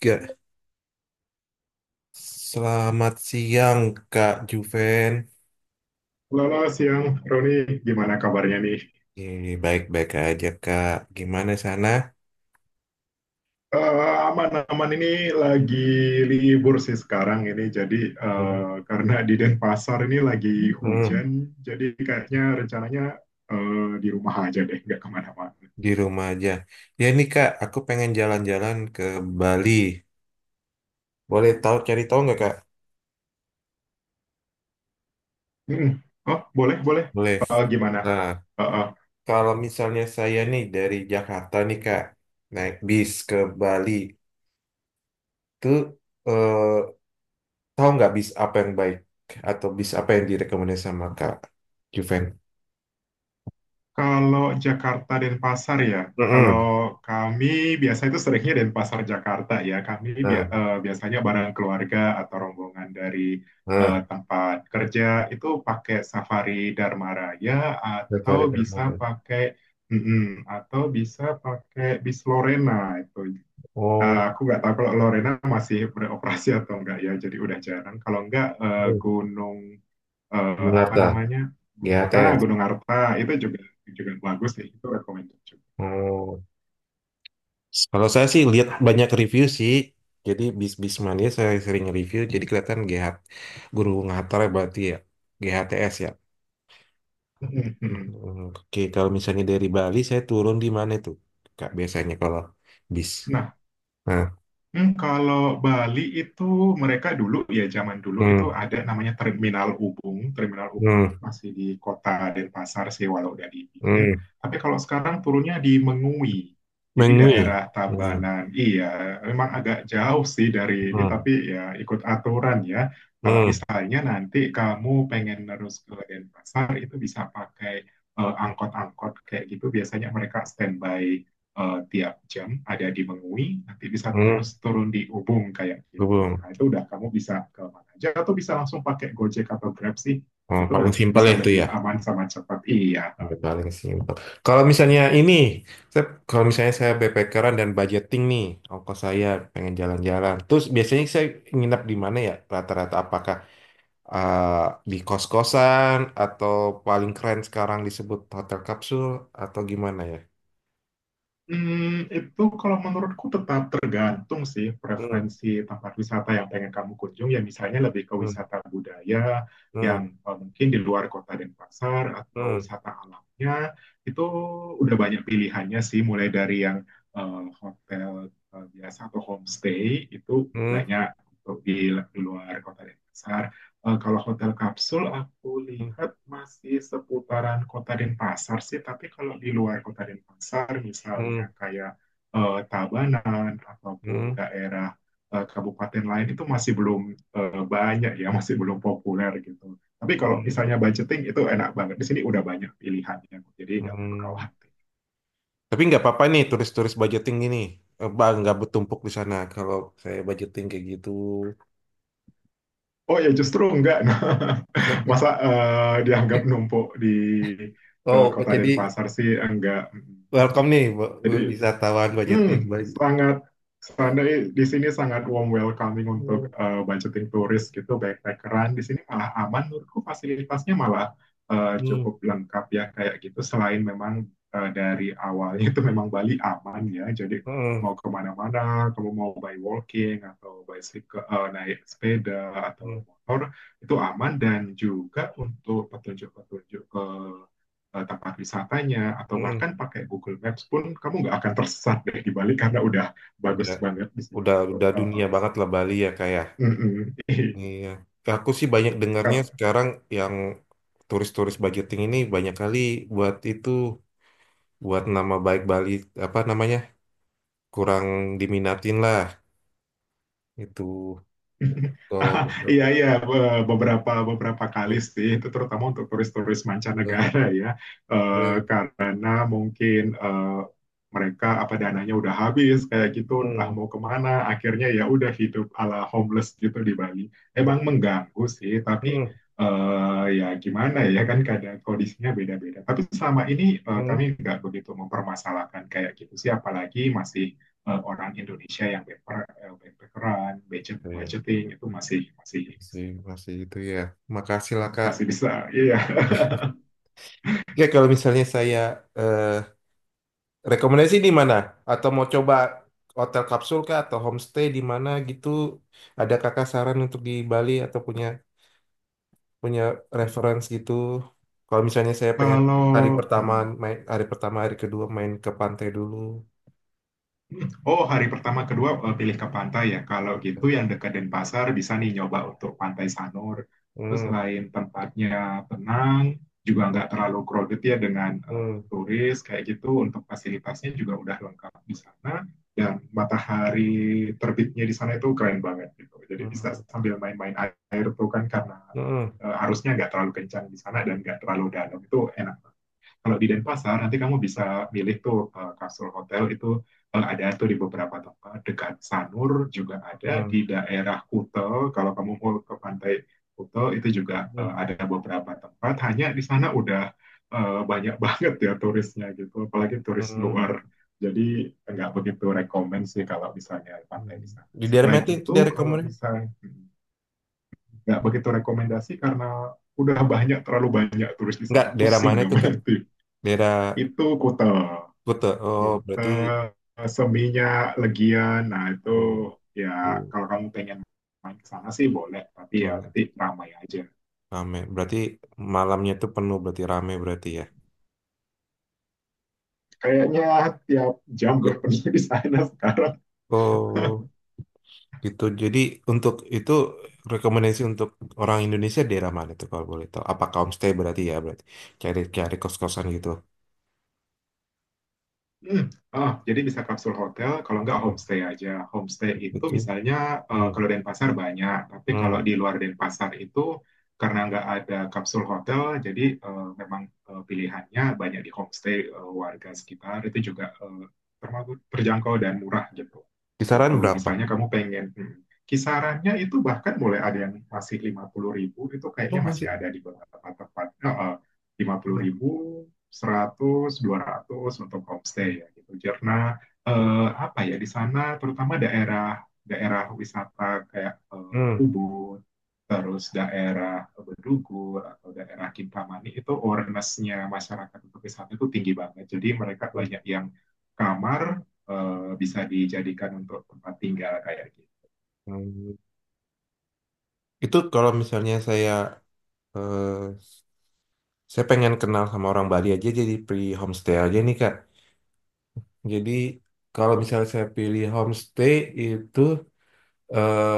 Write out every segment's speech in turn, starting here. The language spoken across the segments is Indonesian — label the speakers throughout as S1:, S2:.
S1: Gak, selamat siang Kak Juven.
S2: Selamat siang, Roni. Gimana kabarnya nih?
S1: Baik-baik aja Kak. Gimana sana?
S2: Aman-aman ini lagi libur sih sekarang ini. Jadi
S1: Hmm,
S2: karena di Denpasar ini lagi
S1: hmm,
S2: hujan, jadi kayaknya rencananya di rumah aja deh, nggak kemana-mana.
S1: di rumah aja. Ya nih Kak, aku pengen jalan-jalan ke Bali. Boleh tahu cari tahu nggak Kak?
S2: Mm-mm. Oh, boleh, boleh.
S1: Boleh.
S2: Gimana?
S1: Nah,
S2: Eh, eh,
S1: kalau misalnya saya nih dari Jakarta nih Kak, naik bis ke Bali, tuh eh, tahu nggak bis apa yang baik atau bis apa yang direkomendasikan sama Kak Juven?
S2: Kalau Jakarta Denpasar ya, kalau
S1: Mm-mm.
S2: kami biasa itu seringnya Denpasar Jakarta ya. Kami
S1: Nah,
S2: biasanya bareng keluarga atau rombongan dari
S1: nah.
S2: tempat kerja itu pakai Safari Dharma Raya, atau
S1: Retori
S2: bisa
S1: Damar.
S2: pakai mm-mm, atau bisa pakai bis Lorena itu.
S1: Oh,
S2: Aku nggak tahu kalau Lorena masih beroperasi atau enggak ya. Jadi udah jarang. Kalau enggak Gunung eh, apa
S1: Yunarta,
S2: namanya Gu- ah,
S1: GHTS.
S2: Gunung Arta itu juga juga bagus ya, itu recommended juga.
S1: Oh. Kalau saya sih lihat banyak review sih. Jadi bis-bis mania saya sering review. Jadi kelihatan GH guru Ngatar ya berarti ya. GHTS ya.
S2: Mm-mm, mm-mm.
S1: Hmm, oke, kalau misalnya dari Bali saya turun di mana tuh? Kak biasanya kalau bis.
S2: Nah,
S1: Nah,
S2: Kalau Bali itu, mereka dulu ya zaman dulu itu
S1: hmm,
S2: ada namanya Terminal Ubung. Terminal Ubung itu
S1: hmm,
S2: masih di kota Denpasar sih walau udah di pinggir.
S1: hmm.
S2: Tapi kalau sekarang turunnya di Mengui. Jadi
S1: Mengwi.
S2: daerah
S1: Hmm,
S2: Tabanan. Iya, memang agak jauh sih dari ini,
S1: hmm,
S2: tapi ya ikut aturan ya. Kalau
S1: hmm,
S2: misalnya nanti kamu pengen terus ke Denpasar itu bisa pakai angkot-angkot kayak gitu, biasanya mereka standby tiap jam ada di Mengwi, nanti bisa
S1: hmm.
S2: terus turun di Ubung kayak gitu.
S1: Gubeng.
S2: Nah, itu udah kamu bisa ke mana aja atau bisa langsung pakai Gojek atau Grab sih.
S1: Oh,
S2: Itu
S1: paling simpel ya
S2: bisa
S1: itu ya.
S2: lebih aman sama cepat. Iya,
S1: Ya, paling simpel. Kalau misalnya ini, saya, kalau misalnya saya backpackeran dan budgeting nih, ongkos saya pengen jalan-jalan. Terus biasanya saya nginap di mana ya? Rata-rata apakah eh, di kos-kosan atau paling keren sekarang disebut hotel kapsul atau gimana ya?
S2: Itu kalau menurutku tetap tergantung sih
S1: Hmm,
S2: preferensi tempat wisata yang pengen kamu kunjung. Ya misalnya lebih ke
S1: hmm,
S2: wisata budaya yang
S1: hmm,
S2: mungkin di luar kota Denpasar, atau
S1: hmm,
S2: wisata alamnya itu udah banyak pilihannya sih. Mulai dari yang hotel biasa atau homestay itu
S1: hmm,
S2: banyak untuk di luar kota Denpasar. Kalau hotel kapsul aku
S1: hmm,
S2: lihat masih seputaran Kota Denpasar sih, tapi kalau di luar Kota Denpasar misalnya
S1: hmm,
S2: kayak Tabanan ataupun
S1: hmm,
S2: daerah kabupaten lain itu masih belum banyak ya, masih belum populer gitu. Tapi kalau
S1: hmm,
S2: misalnya budgeting itu enak banget. Di sini udah banyak pilihannya, jadi nggak perlu
S1: hmm.
S2: khawatir.
S1: Tapi nggak apa-apa nih turis-turis budgeting gini. Eh, Bang, nggak bertumpuk di sana kalau saya budgeting kayak gitu.
S2: Oh ya justru enggak. Nah, masa dianggap numpuk di
S1: Oh,
S2: Kota
S1: jadi
S2: Denpasar sih enggak.
S1: welcome nih
S2: Jadi
S1: wisatawan budgeting.
S2: Hmm,
S1: Bud-
S2: sangat sana di sini sangat warm welcoming
S1: hmm,
S2: untuk budgeting turis gitu, backpackeran. Di sini malah aman, menurutku fasilitasnya malah
S1: hmm,
S2: cukup lengkap ya kayak gitu. Selain memang dari awalnya itu memang Bali aman ya, jadi mau
S1: hmm,
S2: kemana-mana, kamu mau by walking atau by naik sepeda
S1: hmm,
S2: atau motor itu aman, dan juga untuk petunjuk-petunjuk ke tempat wisatanya atau
S1: hmm.
S2: bahkan pakai Google Maps pun kamu nggak akan tersesat deh di Bali karena udah
S1: Udah
S2: bagus banget di sini
S1: udah
S2: untuk
S1: udah dunia banget lah Bali ya kayak.
S2: mm-mm.
S1: Iya. Aku sih banyak dengarnya
S2: Iya,
S1: sekarang yang turis-turis budgeting ini banyak kali buat itu buat nama baik Bali apa namanya kurang diminatin lah itu kalau
S2: iya, iya, be- beberapa beberapa kali sih, itu terutama untuk turis-turis mancanegara ya, karena mungkin mereka apa dananya udah habis kayak gitu, entah
S1: hmm,
S2: mau kemana, akhirnya ya udah hidup ala homeless gitu di Bali. Emang mengganggu sih, tapi
S1: hmm,
S2: ya gimana ya kan kadang kondisinya beda-beda. Tapi selama ini kami
S1: hmm.
S2: nggak begitu mempermasalahkan kayak gitu sih, apalagi masih orang Indonesia yang backpack, budget,
S1: Iya,
S2: budgeting itu masih masih
S1: masih masih itu ya. Makasih lah Kak.
S2: masih bisa. Iya.
S1: Ya, kalau misalnya saya eh, rekomendasi di mana? Atau mau coba hotel kapsul kah atau homestay di mana gitu? Ada kakak saran untuk di Bali atau punya punya reference gitu? Kalau misalnya saya pengen hari
S2: Kalau
S1: pertama
S2: hmm.
S1: main hari pertama hari kedua main ke pantai dulu.
S2: Oh, hari pertama kedua pilih ke pantai ya. Kalau gitu yang dekat Denpasar bisa nih nyoba untuk Pantai Sanur. Itu
S1: Hmm,
S2: selain tempatnya tenang, juga nggak terlalu crowded ya dengan
S1: hmm,
S2: turis kayak gitu. Untuk fasilitasnya juga udah lengkap di sana. Dan matahari terbitnya di sana itu keren banget gitu. Jadi bisa
S1: hmm,
S2: sambil main-main air tuh kan, karena
S1: hmm,
S2: arusnya nggak terlalu kencang di sana dan nggak terlalu dalam itu enak. Kalau di Denpasar nanti kamu bisa milih tuh kapsul hotel itu, ada tuh di beberapa tempat dekat Sanur, juga ada
S1: hmm,
S2: di daerah Kuta. Kalau kamu mau ke pantai Kuta itu juga
S1: hmm,
S2: ada beberapa tempat, hanya di sana udah banyak banget ya turisnya gitu, apalagi turis
S1: hmm,
S2: luar, jadi nggak begitu rekomend sih kalau misalnya pantai di
S1: hmm.
S2: sana.
S1: Di daerah mana
S2: Selain
S1: itu
S2: itu,
S1: daerah kamu?
S2: kalau misalnya nggak begitu rekomendasi karena udah banyak terlalu banyak turis di
S1: Enggak,
S2: sana,
S1: daerah
S2: pusing
S1: mana itu Kak?
S2: namanya. itu
S1: Daerah
S2: itu Kuta,
S1: Kuta. Oh, berarti.
S2: Kuta seminya Legian, nah itu
S1: Hmm,
S2: ya
S1: hmm,
S2: kalau kamu pengen main ke sana sih boleh, tapi ya
S1: boleh.
S2: nanti ramai aja.
S1: Rame. Berarti malamnya tuh penuh berarti rame berarti ya.
S2: Kayaknya tiap jam deh
S1: Oh,
S2: pergi di sana sekarang.
S1: oh, gitu. Jadi untuk itu rekomendasi untuk orang Indonesia daerah mana tuh kalau boleh tahu? Apa homestay berarti ya berarti cari cari kos-kosan gitu.
S2: Hmm, jadi bisa kapsul hotel, kalau nggak
S1: Hmm,
S2: homestay aja. Homestay itu
S1: gitu.
S2: misalnya
S1: Hmm.
S2: kalau Denpasar banyak, tapi kalau
S1: Hmm.
S2: di luar Denpasar itu karena nggak ada kapsul hotel, jadi memang pilihannya banyak di homestay, warga sekitar itu juga termasuk terjangkau dan murah gitu.
S1: Kisaran
S2: Itu
S1: berapa?
S2: misalnya kamu pengen kisarannya itu bahkan mulai ada yang masih 50.000. Itu kayaknya
S1: Oh,
S2: masih
S1: masih.
S2: ada di beberapa tempat. Lima puluh
S1: Ya.
S2: ribu 100, 200 untuk homestay
S1: Hmm.
S2: ya gitu. Karena
S1: Hmm.
S2: apa ya, di sana terutama daerah daerah wisata kayak
S1: Hmm.
S2: Ubud, terus daerah Bedugul atau daerah Kintamani itu awareness-nya masyarakat untuk wisata itu tinggi banget. Jadi mereka banyak yang kamar bisa dijadikan untuk tempat tinggal kayak gitu.
S1: Hmm. Itu kalau misalnya saya eh, saya pengen kenal sama orang Bali aja jadi pre homestay aja nih Kak. Jadi kalau misalnya saya pilih homestay itu eh,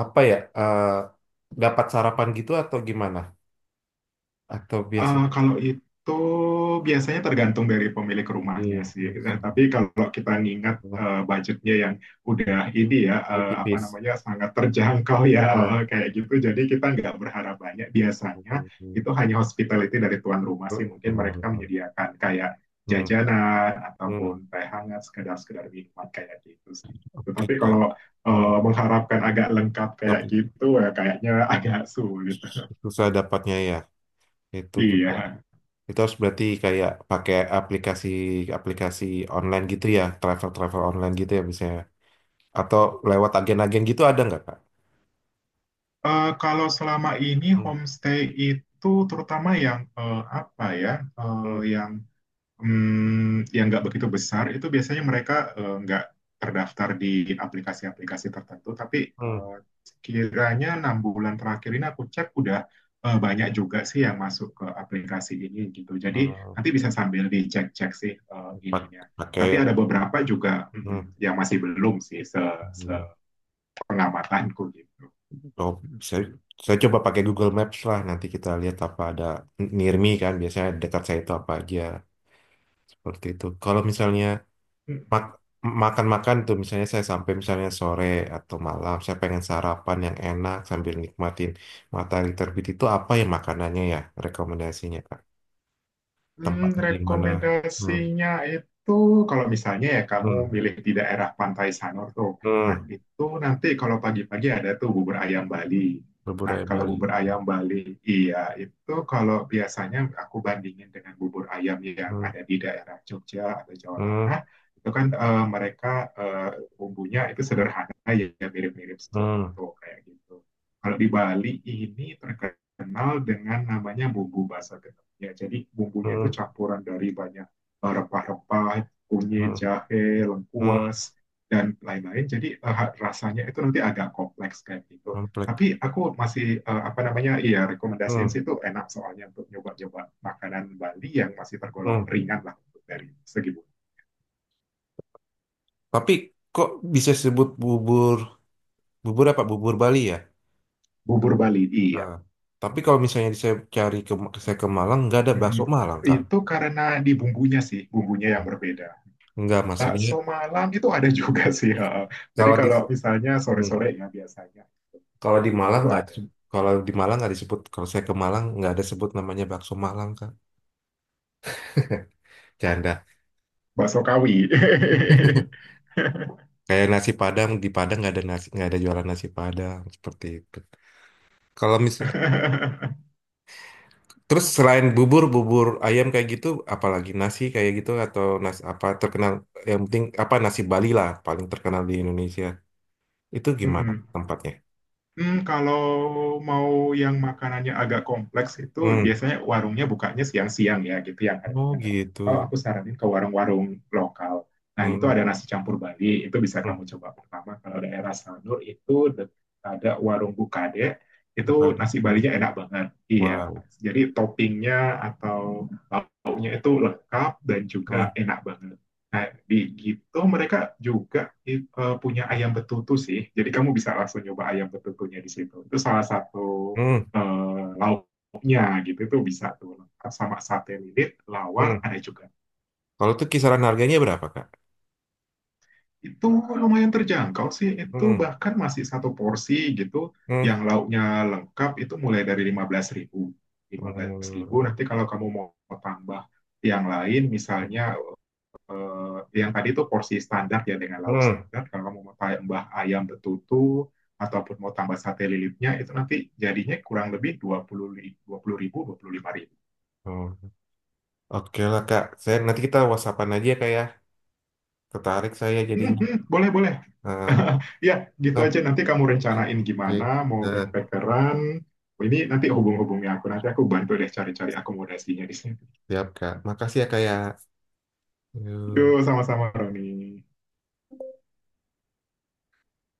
S1: apa ya dapat sarapan gitu atau gimana? Atau biasa
S2: Kalau itu biasanya tergantung dari pemilik rumahnya
S1: ini
S2: sih.
S1: biasa-
S2: Tapi kalau kita ngingat
S1: wah,
S2: budgetnya yang udah ini ya, apa
S1: tipis.
S2: namanya, sangat terjangkau ya,
S1: Eh,
S2: kayak gitu. Jadi kita nggak berharap banyak. Biasanya itu hanya hospitality dari tuan rumah sih. Mungkin
S1: kemarin
S2: mereka
S1: Pak.
S2: menyediakan kayak
S1: Hmm,
S2: jajanan ataupun
S1: hmm.
S2: teh hangat, sekedar-sekedar minuman kayak gitu sih.
S1: Oke
S2: Tetapi
S1: Kak.
S2: kalau
S1: Hmm.
S2: mengharapkan agak lengkap kayak
S1: Tapi
S2: gitu, ya kayaknya agak sulit.
S1: susah dapatnya ya. Itu juga.
S2: Iya.
S1: Itu harus berarti kayak pakai aplikasi aplikasi online gitu ya, travel travel online gitu ya misalnya. Atau lewat agen-agen gitu ada nggak Kak?
S2: Kalau selama ini
S1: Hmm.
S2: homestay itu terutama yang apa ya, eh,
S1: Hmm,
S2: yang yang nggak begitu besar itu biasanya mereka nggak terdaftar di aplikasi-aplikasi tertentu. Tapi
S1: hmm,
S2: eh, kiranya 6 bulan terakhir ini aku cek udah banyak juga sih yang masuk ke aplikasi ini gitu. Jadi
S1: hmm.
S2: nanti bisa sambil dicek-cek sih
S1: Pak-
S2: ininya.
S1: pakai,
S2: Tapi ada beberapa juga
S1: hmm,
S2: yang masih belum sih se
S1: hmm.
S2: pengamatanku gitu.
S1: Oh, saya, saya coba pakai Google Maps lah. Nanti kita lihat apa ada near me kan. Biasanya dekat saya itu apa aja seperti itu. Kalau misalnya mak- makan-makan tuh, misalnya saya sampai misalnya sore atau malam, saya pengen sarapan yang enak sambil nikmatin matahari terbit itu apa ya makanannya ya rekomendasinya Kak? Tempatnya di mana? Hmm,
S2: Rekomendasinya itu kalau misalnya ya kamu
S1: hmm,
S2: milih di daerah Pantai Sanur tuh. Nah,
S1: hmm.
S2: itu nanti kalau pagi-pagi ada tuh bubur ayam Bali.
S1: Bubur
S2: Nah,
S1: ayam
S2: kalau
S1: Bali.
S2: bubur ayam Bali, iya itu kalau biasanya aku bandingin dengan bubur ayam yang
S1: Hmm,
S2: ada di daerah Jogja atau Jawa
S1: hmm,
S2: Tengah, itu kan mereka eh, bumbunya itu sederhana ya, ya mirip-mirip
S1: hmm.
S2: soto kayak gitu. Kalau di Bali ini terkenal dengan namanya bumbu basah ya, jadi bumbunya itu
S1: Hmm.
S2: campuran dari banyak rempah-rempah, kunyit,
S1: Hmm,
S2: jahe,
S1: hmm,
S2: lengkuas dan lain-lain, jadi rasanya itu nanti agak kompleks kayak gitu,
S1: komplek.
S2: tapi aku masih apa namanya iya
S1: Hmm,
S2: rekomendasiin sih, itu enak soalnya, untuk nyoba-nyoba makanan Bali yang masih tergolong
S1: hmm.
S2: ringan lah untuk dari segi
S1: Tapi kok bisa sebut bubur bubur apa bubur Bali ya?
S2: bubur Bali, iya.
S1: Nah, tapi kalau misalnya saya ke Malang nggak ada bakso
S2: Mm-mm.
S1: Malang kan?
S2: Itu karena di bumbunya sih, bumbunya yang berbeda.
S1: Nggak maksudnya
S2: Bakso malam itu ada juga sih. Jadi
S1: kalau di
S2: kalau misalnya
S1: hmm,
S2: sore-sore ya biasanya
S1: kalau di Malang
S2: itu
S1: nggak ada
S2: ada.
S1: se- kalau di Malang nggak disebut kalau saya ke Malang nggak ada sebut namanya bakso Malang kan? Canda.
S2: Bakso kawi.
S1: Kayak nasi Padang di Padang nggak ada jualan nasi Padang seperti itu. Kalau mis terus selain bubur ayam kayak gitu, apalagi nasi kayak gitu atau nasi apa terkenal yang penting apa nasi Bali lah paling terkenal di Indonesia. Itu gimana
S2: Mm-mm.
S1: tempatnya?
S2: Kalau mau yang makanannya agak kompleks itu
S1: Hmm.
S2: biasanya warungnya bukanya siang-siang ya gitu, yang
S1: Oh
S2: harganya
S1: gitu.
S2: terjangkau. Aku saranin ke warung-warung lokal. Nah, itu
S1: Hmm.
S2: ada nasi campur Bali, itu bisa
S1: Hmm.
S2: kamu coba pertama. Kalau daerah Sanur itu ada warung Bukade, itu
S1: Buka di-
S2: nasi
S1: hmm.
S2: Balinya enak banget. Iya,
S1: Wow.
S2: jadi toppingnya atau lauknya itu lengkap dan juga
S1: Hmm.
S2: enak banget. Nah, di gitu mereka juga punya ayam betutu sih. Jadi kamu bisa langsung nyoba ayam betutunya di situ. Itu salah satu
S1: Hmm.
S2: lauknya gitu. Itu bisa tuh lengkap sama sate lilit,
S1: Hmm.
S2: lawar ada juga.
S1: Kalau itu kisaran harganya berapa, Kak?
S2: Itu lumayan terjangkau sih. Itu
S1: Hmm.
S2: bahkan masih satu porsi gitu
S1: Hmm.
S2: yang lauknya lengkap itu mulai dari lima lima belas ribu
S1: Hmm.
S2: nanti, kalau kamu mau tambah yang lain misalnya eh, yang tadi itu porsi standar ya dengan lauk
S1: Hmm.
S2: standar. Kalau kamu mau tambah ayam betutu ataupun mau tambah sate lilitnya itu nanti jadinya kurang lebih 20 ribu, 25.000.
S1: Hmm. Oke lah, Kak. Saya nanti kita WhatsAppan aja Kak ya. Tertarik saya jadinya.
S2: Boleh, boleh.
S1: Ah,
S2: Ya, gitu
S1: ah,
S2: aja. Nanti kamu rencanain
S1: oke.
S2: gimana mau
S1: Eh,
S2: backpackeran. Ini nanti hubung-hubungnya aku. Nanti aku bantu deh cari-cari akomodasinya di sini.
S1: siap, Kak. Makasih ya, Kak ya. Uhh.
S2: Yuk, sama-sama, Roni.